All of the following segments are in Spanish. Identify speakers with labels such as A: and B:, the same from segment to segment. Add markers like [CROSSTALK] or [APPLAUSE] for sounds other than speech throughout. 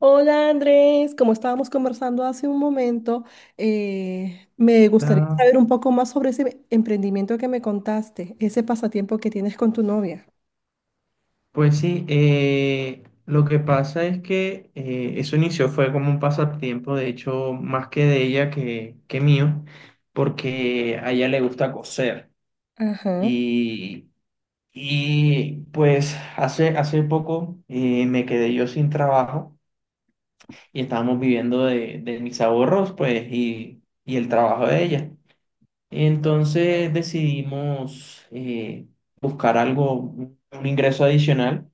A: Hola Andrés, como estábamos conversando hace un momento, me gustaría
B: Hola.
A: saber un poco más sobre ese emprendimiento que me contaste, ese pasatiempo que tienes con tu novia.
B: Pues sí, lo que pasa es que eso inició fue como un pasatiempo, de hecho, más que de ella que mío, porque a ella le gusta coser.
A: Ajá.
B: Y, y pues hace poco me quedé yo sin trabajo y estábamos viviendo de mis ahorros, pues, y el trabajo de ella. Entonces decidimos buscar algo, un ingreso adicional.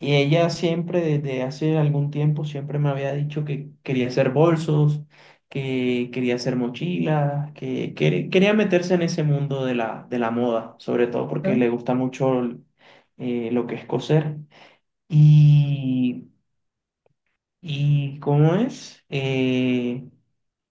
B: Y ella siempre, desde hace algún tiempo, siempre me había dicho que quería hacer bolsos, que quería hacer mochilas, quería meterse en ese mundo de la moda, sobre todo porque
A: Ajá.
B: le gusta mucho lo que es coser. Y, ¿y cómo es?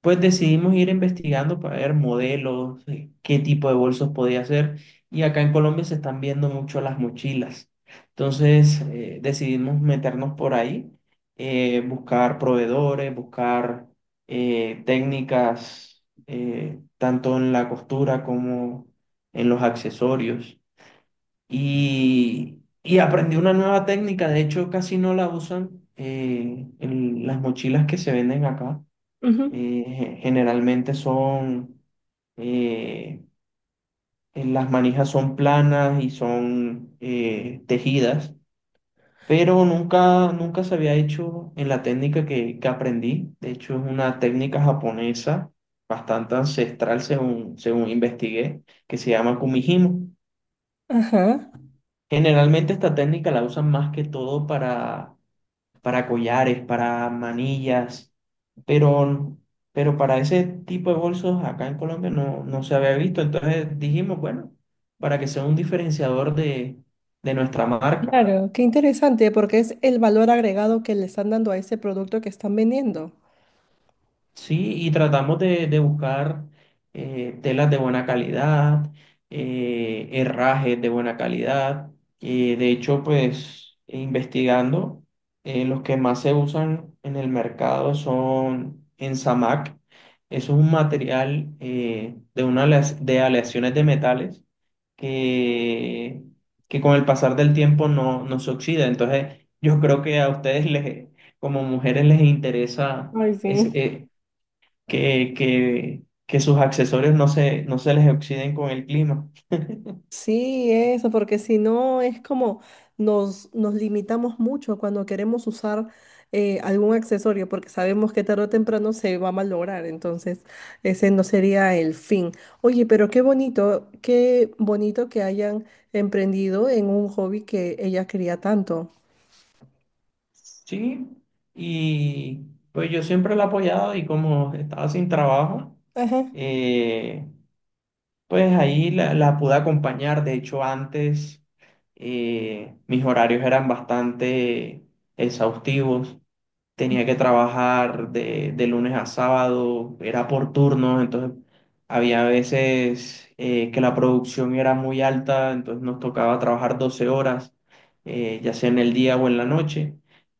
B: Pues decidimos ir investigando para ver modelos, qué tipo de bolsos podía hacer. Y acá en Colombia se están viendo mucho las mochilas. Entonces decidimos meternos por ahí, buscar proveedores, buscar técnicas, tanto en la costura como en los accesorios. Y aprendí una nueva técnica, de hecho casi no la usan en las mochilas que se venden acá
A: Ujú.
B: generalmente son, eh, las manijas son planas y son tejidas, pero nunca, nunca se había hecho en la técnica que aprendí. De hecho, es una técnica japonesa bastante ancestral según, según investigué, que se llama kumihimo.
A: Ajá.
B: Generalmente esta técnica la usan más que todo para collares, para manillas, pero, pero para ese tipo de bolsos acá en Colombia no, no se había visto. Entonces dijimos, bueno, para que sea un diferenciador de nuestra marca.
A: Claro, qué interesante, porque es el valor agregado que le están dando a ese producto que están vendiendo.
B: Sí, y tratamos de buscar telas de buena calidad, herrajes de buena calidad. De hecho, pues investigando, los que más se usan en el mercado son en Samac. Eso es un material de aleaciones de metales que, que con el pasar del tiempo no, no se oxida. Entonces, yo creo que a ustedes les, como mujeres les interesa
A: Ay,
B: es
A: sí.
B: que sus accesorios no se, no se les oxiden con el clima.
A: Sí, eso, porque si no es como nos limitamos mucho cuando queremos usar algún accesorio, porque sabemos que tarde o temprano se va a malograr, entonces ese no sería el fin. Oye, pero qué bonito que hayan emprendido en un hobby que ella quería tanto.
B: Sí, y pues yo siempre la he apoyado y como estaba sin trabajo,
A: Ajá.
B: eh, pues ahí la pude acompañar. De hecho, antes mis horarios eran bastante exhaustivos. Tenía que trabajar de lunes a sábado, era por turnos, entonces había veces que la producción era muy alta, entonces nos tocaba trabajar 12 horas, ya sea en el día o en la noche.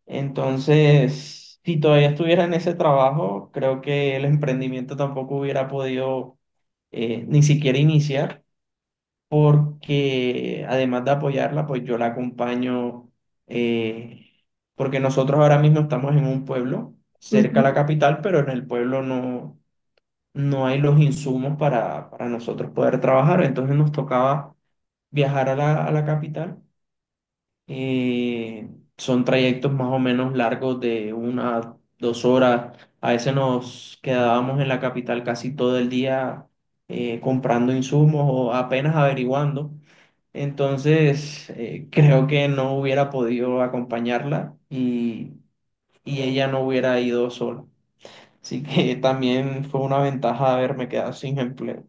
B: Entonces, si todavía estuviera en ese trabajo, creo que el emprendimiento tampoco hubiera podido ni siquiera iniciar porque además de apoyarla, pues yo la acompaño, eh, porque nosotros ahora mismo estamos en un pueblo cerca a la capital, pero en el pueblo no, no hay los insumos para nosotros poder trabajar, entonces nos tocaba viajar a la capital eh, son trayectos más o menos largos de una, 2 horas. A veces nos quedábamos en la capital casi todo el día comprando insumos o apenas averiguando. Entonces, creo que no hubiera podido acompañarla y ella no hubiera ido sola. Así que [LAUGHS] también fue una ventaja haberme quedado sin empleo.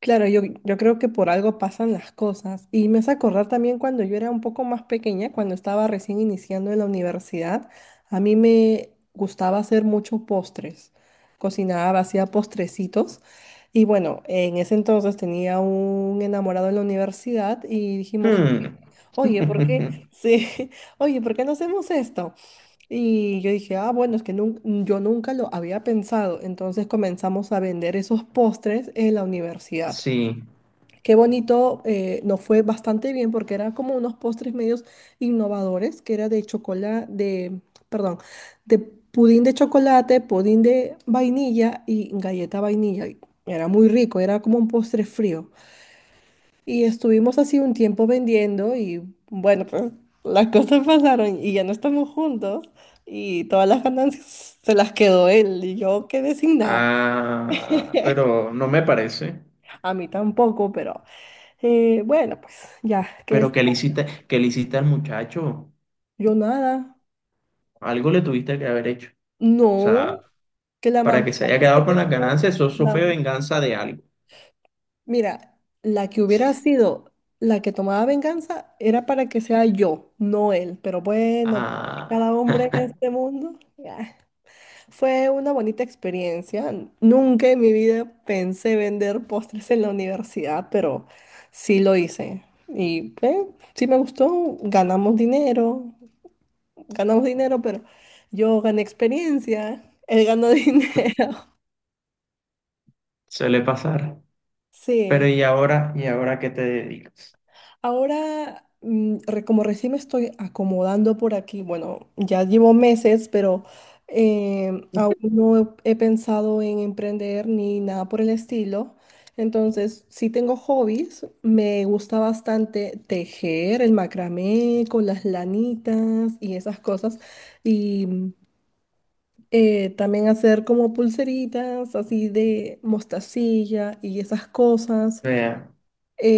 A: Claro, yo creo que por algo pasan las cosas. Y me hace acordar también cuando yo era un poco más pequeña, cuando estaba recién iniciando en la universidad, a mí me gustaba hacer muchos postres. Cocinaba, hacía postrecitos. Y bueno, en ese entonces tenía un enamorado en la universidad y dijimos,
B: Hmm.
A: oye, ¿por qué?
B: [LAUGHS]
A: [LAUGHS] Sí, oye, ¿por qué no hacemos esto? Y yo dije, ah, bueno, es que yo nunca lo había pensado. Entonces comenzamos a vender esos postres en la universidad.
B: Sí.
A: Qué bonito, nos fue bastante bien porque era como unos postres medios innovadores, que era de chocolate, de, perdón, de pudín de chocolate, pudín de vainilla y galleta vainilla. Y era muy rico, era como un postre frío. Y estuvimos así un tiempo vendiendo y bueno, pues las cosas pasaron y ya no estamos juntos y todas las ganancias se las quedó él y yo quedé sin nada.
B: Ah,
A: [LAUGHS]
B: pero no me parece.
A: A mí tampoco, pero bueno, pues ya, que
B: Pero qué le hiciste al muchacho?
A: yo nada.
B: Algo le tuviste que haber hecho. O sea,
A: No, que la
B: para
A: mamá
B: que se haya
A: se
B: quedado con
A: le
B: las
A: quedó-
B: ganancias, eso fue
A: la-
B: venganza de algo.
A: mira, la que hubiera sido la que tomaba venganza era para que sea yo, no él. Pero bueno,
B: Ah,
A: cada hombre en este mundo. Ah, fue una bonita experiencia. Nunca en mi vida pensé vender postres en la universidad, pero sí lo hice. Y sí me gustó. Ganamos dinero, pero yo gané experiencia. Él ganó [LAUGHS] dinero.
B: suele pasar.
A: Sí,
B: Pero y ahora qué te dedicas?
A: ahora como recién me estoy acomodando por aquí, bueno, ya llevo meses, pero aún no he pensado en emprender ni nada por el estilo. Entonces, sí tengo hobbies, me gusta bastante tejer, el macramé con las lanitas y esas cosas. Y también hacer como pulseritas así de mostacilla y esas cosas.
B: Vea,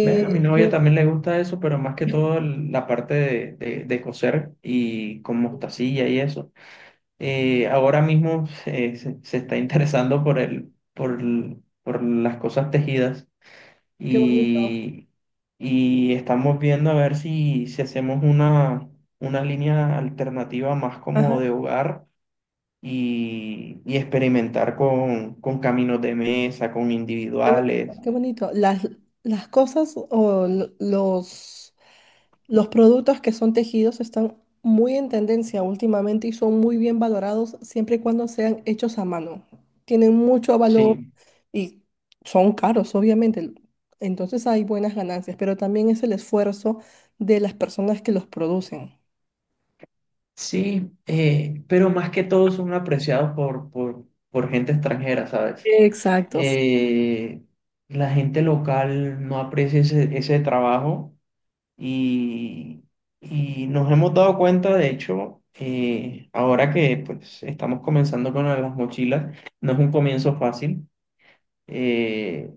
B: vea, a mi novia
A: lo-
B: también le gusta eso, pero más que todo el- la parte de coser y con mostacilla y eso. Ahora mismo se está interesando por el, por el- por las cosas tejidas
A: Qué bonito.
B: y, y estamos viendo a ver si, si hacemos una línea alternativa más como
A: Ajá.
B: de hogar y experimentar con caminos de mesa, con
A: Qué bonito,
B: individuales.
A: qué bonito. Las cosas o los productos que son tejidos están muy en tendencia últimamente y son muy bien valorados siempre y cuando sean hechos a mano. Tienen mucho valor
B: Sí,
A: y son caros, obviamente. Entonces hay buenas ganancias, pero también es el esfuerzo de las personas que los producen.
B: sí, pero más que todo son apreciados por gente extranjera, ¿sabes?
A: Exactos.
B: Eh, la gente local no aprecia ese, ese trabajo. Y, y nos hemos dado cuenta, de hecho, ahora que pues, estamos comenzando con las mochilas, no es un comienzo fácil. Eh,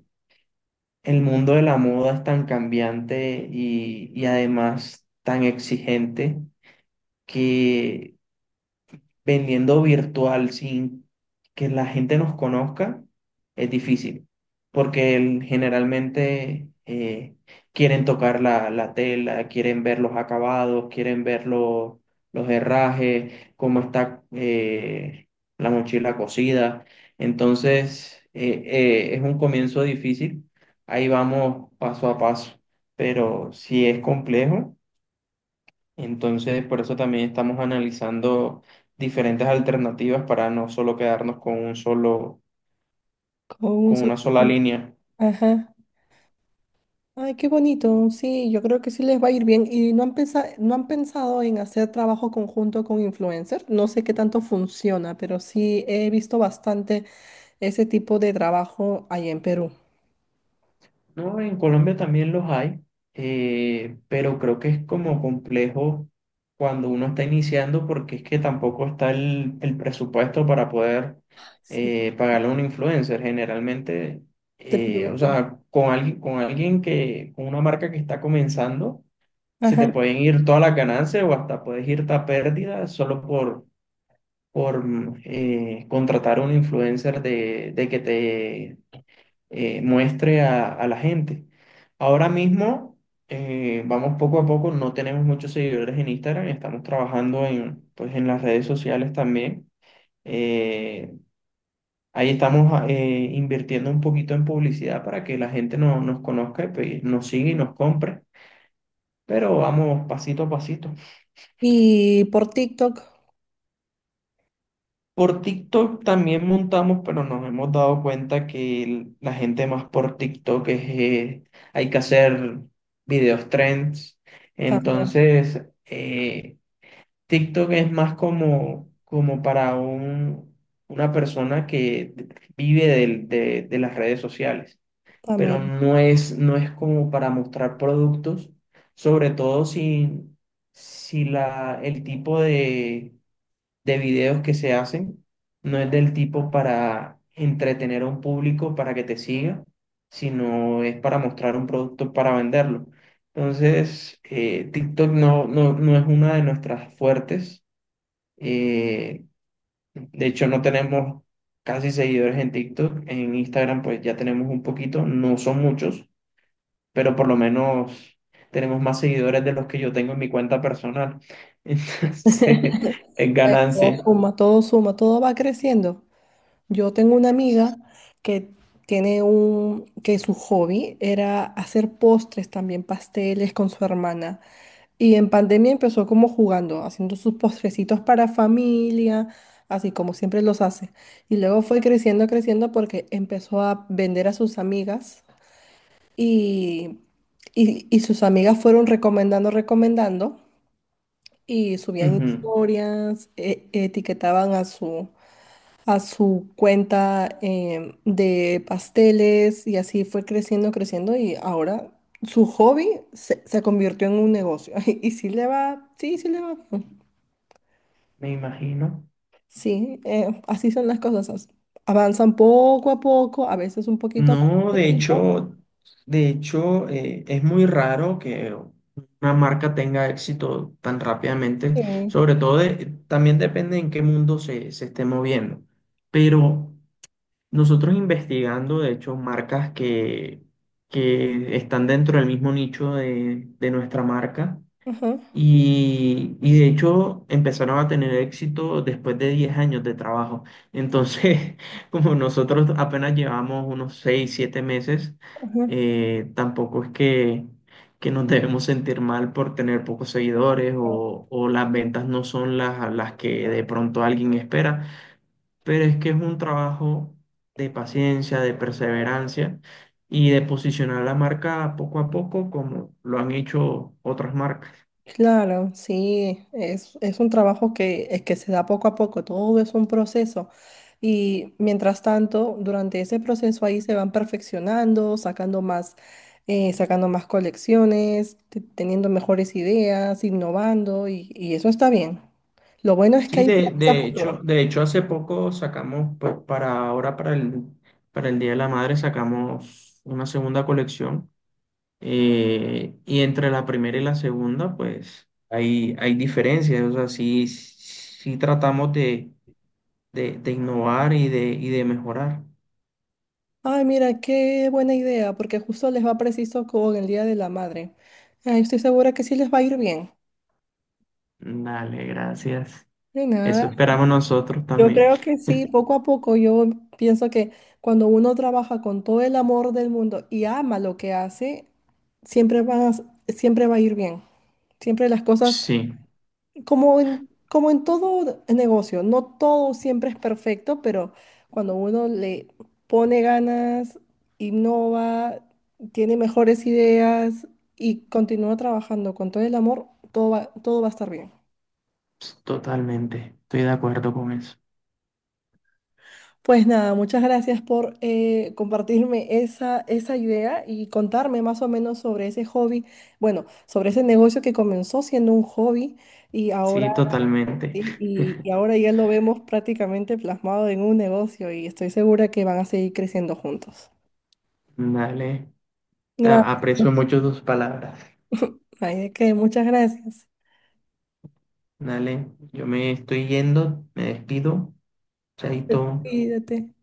B: el mundo de la moda es tan cambiante y además tan exigente que vendiendo virtual sin que la gente nos conozca es difícil, porque el- generalmente quieren tocar la tela, quieren ver los acabados, quieren ver los herrajes, cómo está la mochila cosida. Entonces, es un comienzo difícil. Ahí vamos paso a paso, pero si es complejo. Entonces, por eso también estamos analizando diferentes alternativas para no solo quedarnos con un solo,
A: Con un
B: con
A: solo...
B: una sola línea.
A: Ajá. Ay, qué bonito. Sí, yo creo que sí les va a ir bien. ¿Y no han pensado en hacer trabajo conjunto con influencers? No sé qué tanto funciona, pero sí he visto bastante ese tipo de trabajo ahí en Perú.
B: No, en Colombia también los hay, pero creo que es como complejo cuando uno está iniciando porque es que tampoco está el presupuesto para poder
A: Sí,
B: pagarle a un influencer. Generalmente,
A: te
B: o
A: piden-
B: sea, con alguien que, con una marca que está comenzando. Se te
A: Ajá.
B: pueden ir todas las ganancias o hasta puedes irte a pérdida solo por, por contratar a un influencer de que te muestre a la gente. Ahora mismo, vamos poco a poco, no tenemos muchos seguidores en Instagram, estamos trabajando en, pues, en las redes sociales también. Eh, Ahí estamos invirtiendo un poquito en publicidad para que la gente no, nos conozca y pues, nos siga y nos compre, pero vamos pasito a pasito.
A: Y por TikTok
B: Por TikTok también montamos, pero nos hemos dado cuenta que el- la gente más por TikTok es, hay que hacer videos trends.
A: también,
B: Entonces, TikTok es más como, como para un, una persona que vive del- de las redes sociales, pero
A: también.
B: no es, no es como para mostrar productos, sobre todo si, si la, el tipo de videos que se hacen. No es del tipo para entretener a un público para que te siga, sino es para mostrar un producto para venderlo. Entonces, TikTok no, no, no es una de nuestras fuertes. Eh, de hecho, no tenemos casi seguidores en TikTok. En Instagram, pues ya tenemos un poquito, no son muchos, pero por lo menos tenemos más seguidores de los que yo tengo en mi cuenta personal. [LAUGHS] Entonces, es
A: Todo
B: ganancia.
A: suma, todo suma, todo va creciendo. Yo tengo una amiga que tiene un, que su hobby era hacer postres también, pasteles con su hermana. Y en pandemia empezó como jugando, haciendo sus postrecitos para familia, así como siempre los hace. Y luego fue creciendo, creciendo porque empezó a vender a sus amigas y, y sus amigas fueron recomendando, recomendando y subían
B: Ujú,
A: historias, etiquetaban a a su cuenta de pasteles y así fue creciendo, creciendo y ahora su hobby se convirtió en un negocio. [LAUGHS] Y, sí le va, sí, sí le va bien.
B: me imagino.
A: Sí, así son las cosas. As- avanzan poco a poco, a veces un poquito más
B: No,
A: lento,
B: de hecho, es muy raro que una marca tenga éxito tan rápidamente,
A: sí.
B: sobre todo de- también depende en qué mundo se, se esté moviendo. Pero nosotros investigando, de hecho, marcas que están dentro del mismo nicho de nuestra marca.
A: Ajá,
B: Y de hecho empezaron a tener éxito después de 10 años de trabajo. Entonces, [LAUGHS] como nosotros apenas llevamos unos 6 7 meses,
A: ajá.
B: tampoco es que nos [LAUGHS] debemos sentir mal por tener pocos seguidores o las ventas no son las que de pronto alguien espera, pero es que es un trabajo de paciencia, de perseverancia y de posicionar la marca poco a poco como lo han hecho otras marcas.
A: Claro, sí, es un trabajo que se da poco a poco, todo es un proceso. Y mientras tanto, durante ese proceso ahí se van perfeccionando, sacando más colecciones, teniendo mejores ideas, innovando, y eso está bien. Lo bueno es que
B: Sí,
A: hay planes a futuro.
B: de hecho hace poco sacamos, pues para ahora, para el Día de la Madre, sacamos una segunda colección. Y entre la primera y la segunda, pues hay diferencias. O sea, sí, sí tratamos de innovar y de mejorar.
A: Ay, mira, qué buena idea, porque justo les va preciso con el Día de la Madre. Ay, estoy segura que sí les va a ir bien.
B: Dale, gracias.
A: De
B: Eso
A: nada.
B: esperamos nosotros
A: Yo
B: también.
A: creo que sí, poco a poco yo pienso que cuando uno trabaja con todo el amor del mundo y ama lo que hace, siempre va a, siempre va a ir bien. Siempre las cosas,
B: Sí,
A: como en todo negocio, no todo siempre es perfecto, pero cuando uno le pone ganas, innova, tiene mejores ideas y continúa trabajando con todo el amor, todo va a estar bien.
B: totalmente. Estoy de acuerdo con eso.
A: Pues nada, muchas gracias por compartirme esa idea y contarme más o menos sobre ese hobby, bueno, sobre ese negocio que comenzó siendo un hobby y ahora,
B: Sí, totalmente.
A: y, y ahora ya lo vemos prácticamente plasmado en un negocio y estoy segura que van a seguir creciendo juntos.
B: Dale. Te
A: Gracias.
B: aprecio mucho tus palabras.
A: Ay, de qué, muchas gracias.
B: Dale, yo me estoy yendo, me despido. Chaito.
A: Cuídate.